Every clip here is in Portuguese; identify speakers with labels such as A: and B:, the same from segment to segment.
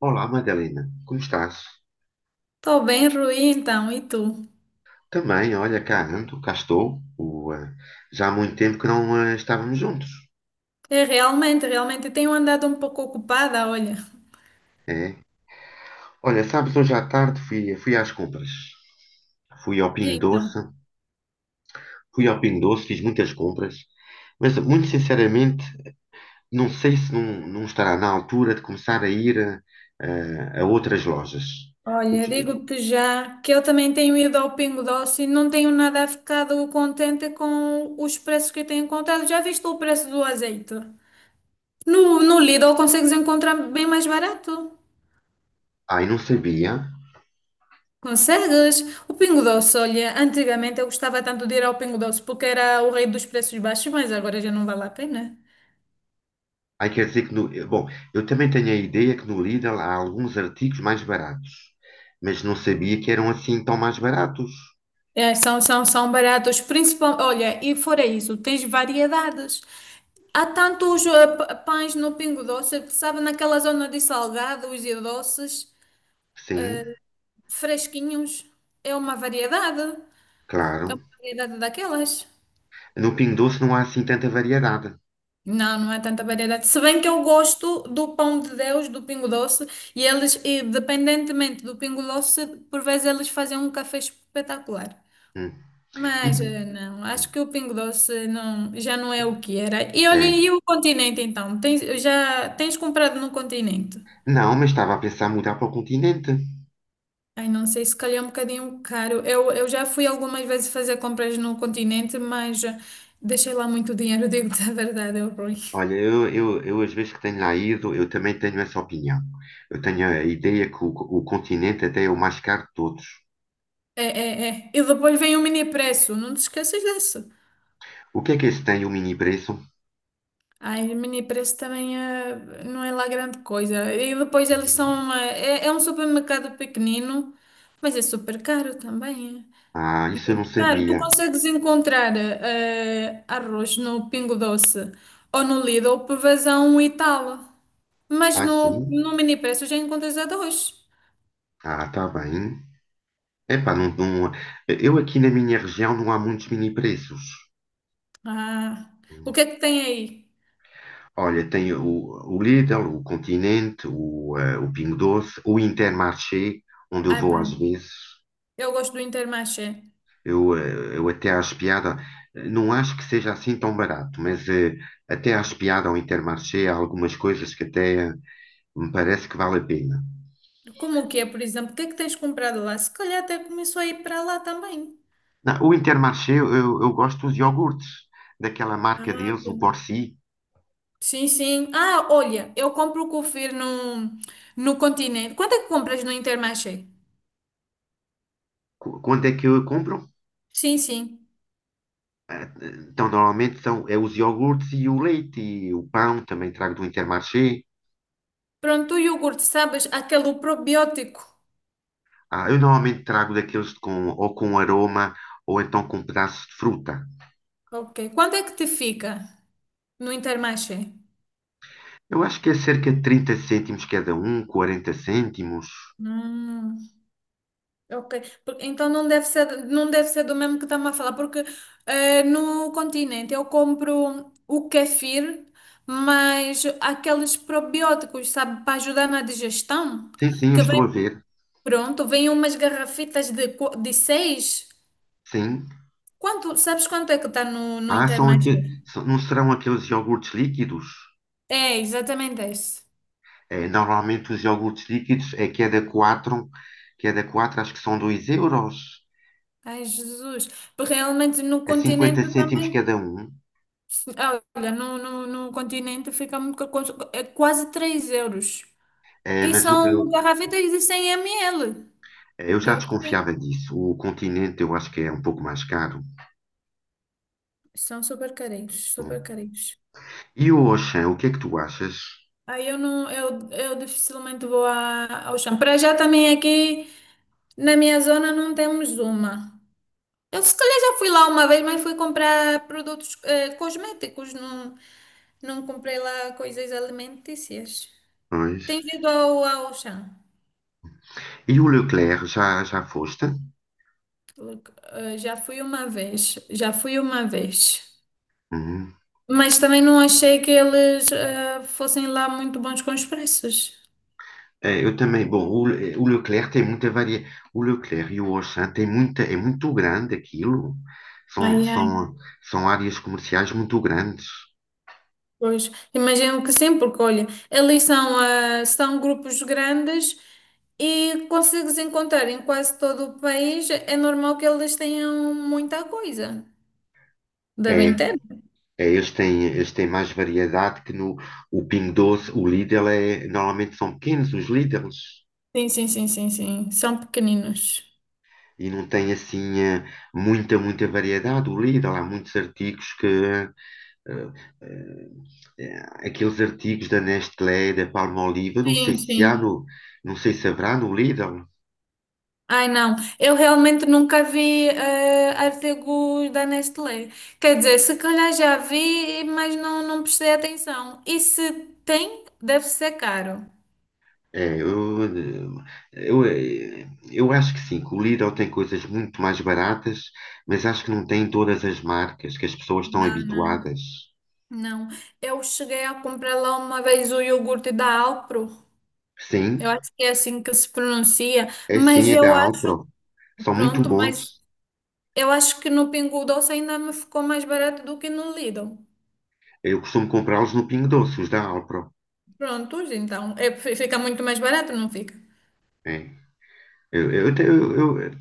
A: Olá, Madalena, como estás?
B: Estou bem, Rui, então, e tu?
A: Também, olha, cá ando, cá estou. Já há muito tempo que não estávamos juntos.
B: É, realmente, realmente, tenho andado um pouco ocupada, olha.
A: É. Olha, sabes, hoje à tarde fui às compras. Fui ao
B: E
A: Pingo Doce,
B: então?
A: Fui ao Pingo Doce, fiz muitas compras, mas muito sinceramente não sei se não, não estará na altura de começar a ir a outras lojas.
B: Olha, digo-te já que eu também tenho ido ao Pingo Doce e não tenho nada ficado contente com os preços que tenho encontrado. Já viste o preço do azeite? No Lidl consegues encontrar bem mais barato.
A: Ai, não sabia.
B: Consegues? O Pingo Doce, olha, antigamente eu gostava tanto de ir ao Pingo Doce porque era o rei dos preços baixos, mas agora já não vale a pena.
A: Aí quer dizer que no, eh, bom, eu também tenho a ideia que no Lidl há alguns artigos mais baratos, mas não sabia que eram assim tão mais baratos.
B: É, são baratos, principal olha, e fora isso, tens variedades. Há tantos pães no Pingo Doce, sabe, naquela zona de salgados e doces,
A: Sim,
B: fresquinhos, é uma variedade, é
A: claro.
B: uma variedade daquelas.
A: No Pingo Doce não há assim tanta variedade.
B: Não, não é tanta variedade. Se bem que eu gosto do pão de Deus, do Pingo Doce, e eles, independentemente do Pingo Doce, por vezes eles fazem um café espetacular.
A: Hum.
B: Mas
A: E-
B: não, acho que o Pingo Doce não, já não é o que era. E olha,
A: É.
B: e o continente então? Já tens comprado no continente?
A: Não, mas estava a pensar mudar para o continente.
B: Ai, não sei, se calhar é um bocadinho caro. Eu já fui algumas vezes fazer compras no continente, mas deixei lá muito dinheiro, digo-te a verdade, é ruim.
A: Olha, eu às vezes que tenho lá ido, eu também tenho essa opinião. Eu tenho a ideia que o continente até é o mais caro de todos.
B: É, é, é. E depois vem o mini preço, não te esqueças disso.
A: O que é que esse tem, o mini preço?
B: Ai, o mini preço também não é lá grande coisa. E depois eles
A: Hum.
B: é um supermercado pequenino, mas é super caro também. É.
A: Ah, isso eu não
B: Claro, tu
A: sabia.
B: consegues encontrar arroz no Pingo Doce ou no Lidl por a um e tal, mas
A: Ah,
B: no,
A: sim?
B: no Mini Preço já encontras arroz.
A: Ah, está bem. Epá, não, eu aqui na minha região não há muitos mini preços.
B: Ah, o que é que tem aí?
A: Olha, tem o Lidl, o Continente, o Pingo Doce, o Intermarché, onde eu
B: Ah,
A: vou às
B: pronto,
A: vezes.
B: eu gosto do Intermarché.
A: Eu até acho piada, não acho que seja assim tão barato, mas até acho piada ao Intermarché, há algumas coisas que até me parece que vale a pena.
B: Como que é, por exemplo? O que é que tens comprado lá? Se calhar até começou a ir para lá também.
A: Não, o Intermarché, eu gosto dos iogurtes, daquela marca
B: Ah,
A: deles, o
B: pronto.
A: Borsi.
B: Sim, sim. Ah, olha, eu compro o Cofir no Continente. Quanto é que compras no Intermarché?
A: Quanto é que eu compro?
B: Sim, sim.
A: Então, normalmente são é os iogurtes e o leite e o pão, também trago do Intermarché.
B: Pronto, o iogurte, sabes? Aquele probiótico.
A: Ah, eu normalmente trago daqueles com, ou com aroma ou então com pedaços de fruta.
B: Ok. Quanto é que te fica no Intermarché?
A: Eu acho que é cerca de 30 cêntimos cada um, 40 cêntimos.
B: Hum, ok. Então não deve ser do mesmo que estamos a falar, porque no Continente eu compro o kefir, mas aqueles probióticos, sabe, para ajudar na digestão,
A: Sim, sim, eu
B: que
A: estou
B: vem
A: a ver.
B: pronto, vem umas garrafitas de, de seis.
A: Sim.
B: Sabes quanto é que está no
A: Ah, são
B: Intermarché?
A: aqueles, não serão aqueles iogurtes líquidos?
B: É, exatamente esse.
A: É, normalmente os iogurtes líquidos é cada 4 acho que são 2 euros.
B: Ai, Jesus. Porque realmente no
A: É
B: continente
A: 50
B: eu
A: cêntimos
B: também.
A: cada um.
B: Ah, olha, no continente fica muito. É quase 3 euros.
A: É,
B: E
A: mas o,
B: são garrafitas de 100 ml.
A: Eu já
B: Digo-te.
A: desconfiava disso. O continente eu acho que é um pouco mais caro.
B: São super carinhos, super
A: Hum.
B: carinhos.
A: E o Auchan, o que é que tu achas?
B: Aí eu não. Eu dificilmente vou ao chão. Para já também aqui na minha zona não temos uma. Eu se calhar já fui lá uma vez, mas fui comprar produtos cosméticos. Não, não comprei lá coisas alimentícias.
A: Pois.
B: Tem vindo ao Auchan?
A: E o Leclerc, já foste?
B: Já fui uma vez, já fui uma vez.
A: Uhum.
B: Mas também não achei que eles fossem lá muito bons com os preços.
A: Eu também, bom, o Leclerc tem muita varia. O Leclerc e o Auchan tem muita, é muito grande aquilo. São,
B: Ai, ai.
A: são, são áreas comerciais muito grandes.
B: Pois, imagino que sim, porque olha, eles são grupos grandes e consegues encontrar em quase todo o país. É normal que eles tenham muita coisa.
A: É,
B: Devem ter?
A: eles têm mais variedade que no o Pingo Doce. O Lidl é, normalmente são pequenos os Lidls.
B: Sim, sim, sim, sim, sim. São pequeninos.
A: E não tem assim muita variedade. O Lidl, há muitos artigos que. Eh, eh, Aqueles artigos da Nestlé, da Palmolive, eu não sei
B: Sim,
A: se há
B: sim.
A: no. Não sei se haverá no Lidl.
B: Ai, não. Eu realmente nunca vi artigos da Nestlé. Quer dizer, se calhar já vi, mas não, não prestei atenção. E se tem, deve ser caro.
A: É, eu, eh, eu acho que sim, que o Lidl tem coisas muito mais baratas, mas acho que não tem todas as marcas que as pessoas estão
B: Não, não.
A: habituadas.
B: Não. Eu cheguei a comprar lá uma vez o iogurte da Alpro.
A: Sim,
B: Eu acho que é assim que se pronuncia.
A: sim, é da Alpro. São muito
B: Mas
A: bons.
B: eu acho que no Pingo Doce ainda me ficou mais barato do que no Lidl.
A: Eu costumo comprá-los no Pingo Doce, os da Alpro.
B: Prontos, então. É, fica muito mais barato, não fica?
A: É. Eu, te-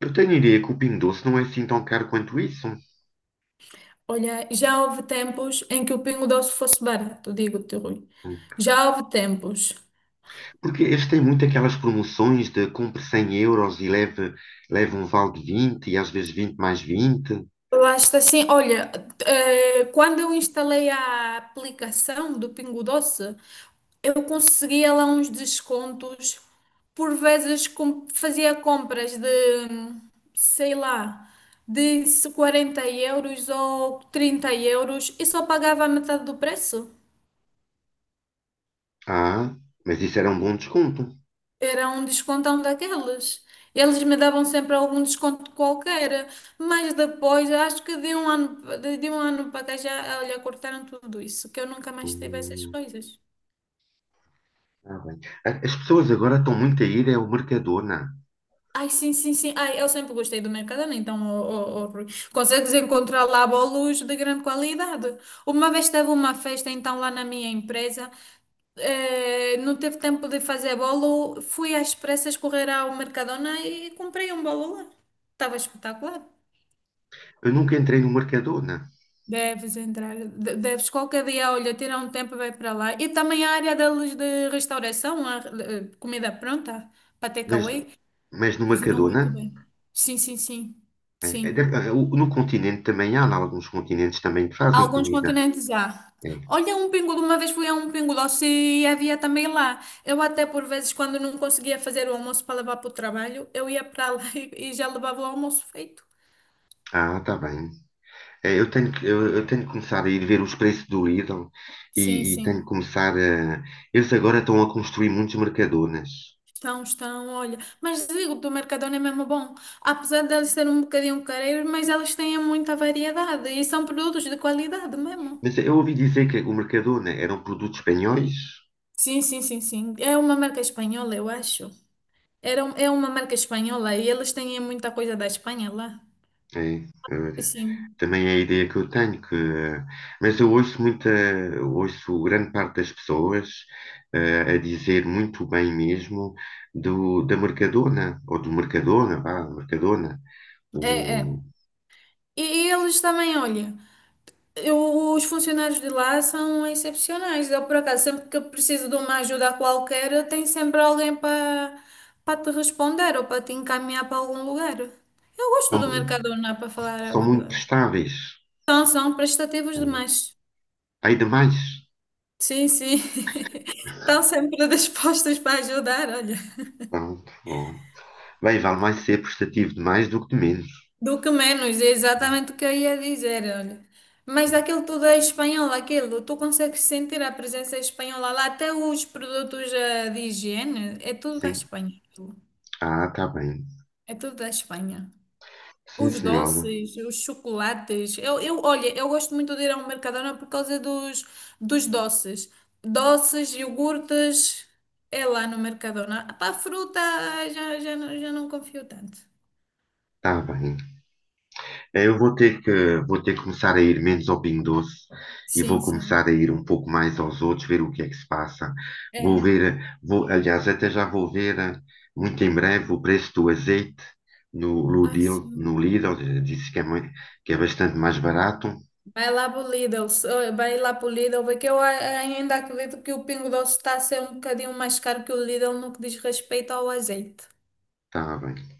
A: eu tenho a ideia que o Pingo Doce não é assim tão caro quanto isso.
B: Olha, já houve tempos em que o Pingo Doce fosse barato, digo-te, Rui. Já houve tempos.
A: Porque eles têm muito aquelas promoções de compre 100 euros e leve um vale de 20 e às vezes 20 mais 20.
B: Lá está assim, olha, quando eu instalei a aplicação do Pingo Doce, eu conseguia lá uns descontos. Por vezes fazia compras de, sei lá, de 40 € ou 30 € e só pagava a metade do preço.
A: Ah, mas isso era um bom desconto.
B: Era um descontão daqueles. Eles me davam sempre algum desconto qualquer, mas depois, acho que de um ano, de um ano para cá já, olha, cortaram tudo isso, que eu nunca mais tive essas
A: Hum,
B: coisas.
A: tá bem. As pessoas agora estão muito a ir ao Mercadona.
B: Ai, sim, sim, sim. Ai, eu sempre gostei do Mercadona, então, ó, ó, ó, Rui, consegues encontrar lá bolos de grande qualidade. Uma vez teve uma festa, então, lá na minha empresa, não teve tempo de fazer bolo, fui às pressas correr ao Mercadona e comprei um bolo lá. Estava espetacular.
A: Eu nunca entrei no Mercadona,
B: Deves entrar, deves qualquer dia, olha, tirar um tempo e vai para lá. E também a área deles de restauração, a, comida pronta, para
A: mas,
B: takeaway,
A: mas no
B: cozinham
A: Mercadona,
B: muito bem. Sim, sim, sim, sim.
A: no continente também há, em alguns continentes também que fazem
B: Alguns
A: comida.
B: continentes já.
A: É.
B: Olha, um pingulo, uma vez fui a um pingulócio e havia também lá. Eu até por vezes, quando não conseguia fazer o almoço para levar para o trabalho, eu ia para lá e já levava o almoço feito.
A: Ah, tá bem. Eu tenho que, eu tenho que começar a ir ver os preços do Lidl
B: Sim,
A: e tenho que
B: sim.
A: começar a. Eles agora estão a construir muitos Mercadonas.
B: Estão, estão, olha. Mas digo, do Mercadona é mesmo bom. Apesar de deles serem um bocadinho careiros, mas eles têm muita variedade e são produtos de qualidade mesmo.
A: Mas eu ouvi dizer que o Mercadona eram produtos espanhóis.
B: Sim, sim, sim, sim. É uma marca espanhola, eu acho. É uma marca espanhola e eles têm muita coisa da Espanha lá.
A: É, eh,
B: Sim,
A: também é a ideia que eu tenho. Mas eu ouço muita, eu ouço grande parte das pessoas a dizer muito bem mesmo da Mercadona, ou do Mercadona, vá, Mercadona.
B: é, é.
A: O-
B: E, e eles também, olha. Os funcionários de lá são excepcionais. Eu, por acaso, sempre que eu preciso de uma ajuda qualquer, tem sempre alguém para te responder ou para te encaminhar para algum lugar. Eu gosto
A: são,
B: do Mercadona, para falar a
A: são muito
B: verdade.
A: prestáveis.
B: São prestativos
A: É.
B: demais.
A: Há demais.
B: Sim, sim. Estão sempre dispostos para ajudar, olha.
A: Pronto, bom. Bem, vale mais ser prestativo de mais do que de menos.
B: Do que menos, é exatamente o que eu ia dizer, olha. Mas aquilo tudo é espanhol, aquilo. Tu consegues sentir a presença espanhola lá, até os produtos de higiene, é tudo da
A: Sim.
B: Espanha. Aquilo.
A: Ah, tá bem.
B: É tudo da Espanha.
A: Sim,
B: Os
A: senhora.
B: doces, os chocolates. Olha, eu gosto muito de ir ao Mercadona por causa dos doces. Doces, iogurtes, é lá no Mercadona. Para a fruta, já, já, já não confio tanto.
A: Tá bem. Eu vou ter que começar a ir menos ao Pingo Doce e
B: Sim,
A: vou começar a
B: sim.
A: ir um pouco mais aos outros, ver o que é que se passa. Vou
B: É.
A: ver, aliás, até já vou ver muito em breve o preço do azeite
B: Ah, sim.
A: No Lidl. Disse que é, que é bastante mais barato.
B: Vai lá pro Lidl, vai lá pro Lidl, porque eu ainda acredito que o Pingo Doce está a ser um bocadinho mais caro que o Lidl no que diz respeito ao azeite.
A: Tá bem.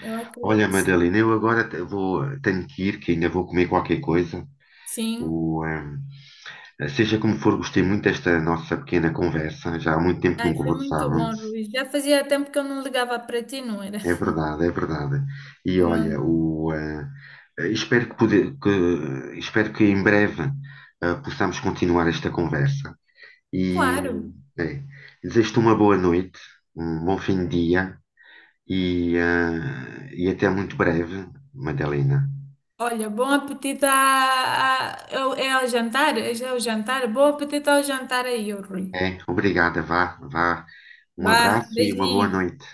B: Eu acredito.
A: Olha,
B: Sim.
A: Madalena, eu agora vou, tenho que ir, que ainda vou comer qualquer coisa.
B: Sim.
A: O, ehm, seja como for, gostei muito desta nossa pequena conversa. Já há muito tempo que não
B: Ai, foi muito bom,
A: conversávamos.
B: Luís. Já fazia tempo que eu não ligava para ti, não era?
A: É verdade, é verdade. E olha,
B: Pronto.
A: o, eh, eh, espero que, espero que em breve, possamos continuar esta conversa. E
B: Claro.
A: eh, é, desejo-te uma boa noite, um bom fim de dia e, e até muito breve, Madalena.
B: Olha, bom apetite é ao jantar? É já o jantar? Bom apetite ao jantar aí, ô Rui.
A: É, obrigada, vá, vá. Um
B: Bah,
A: abraço e uma boa
B: beijinho.
A: noite.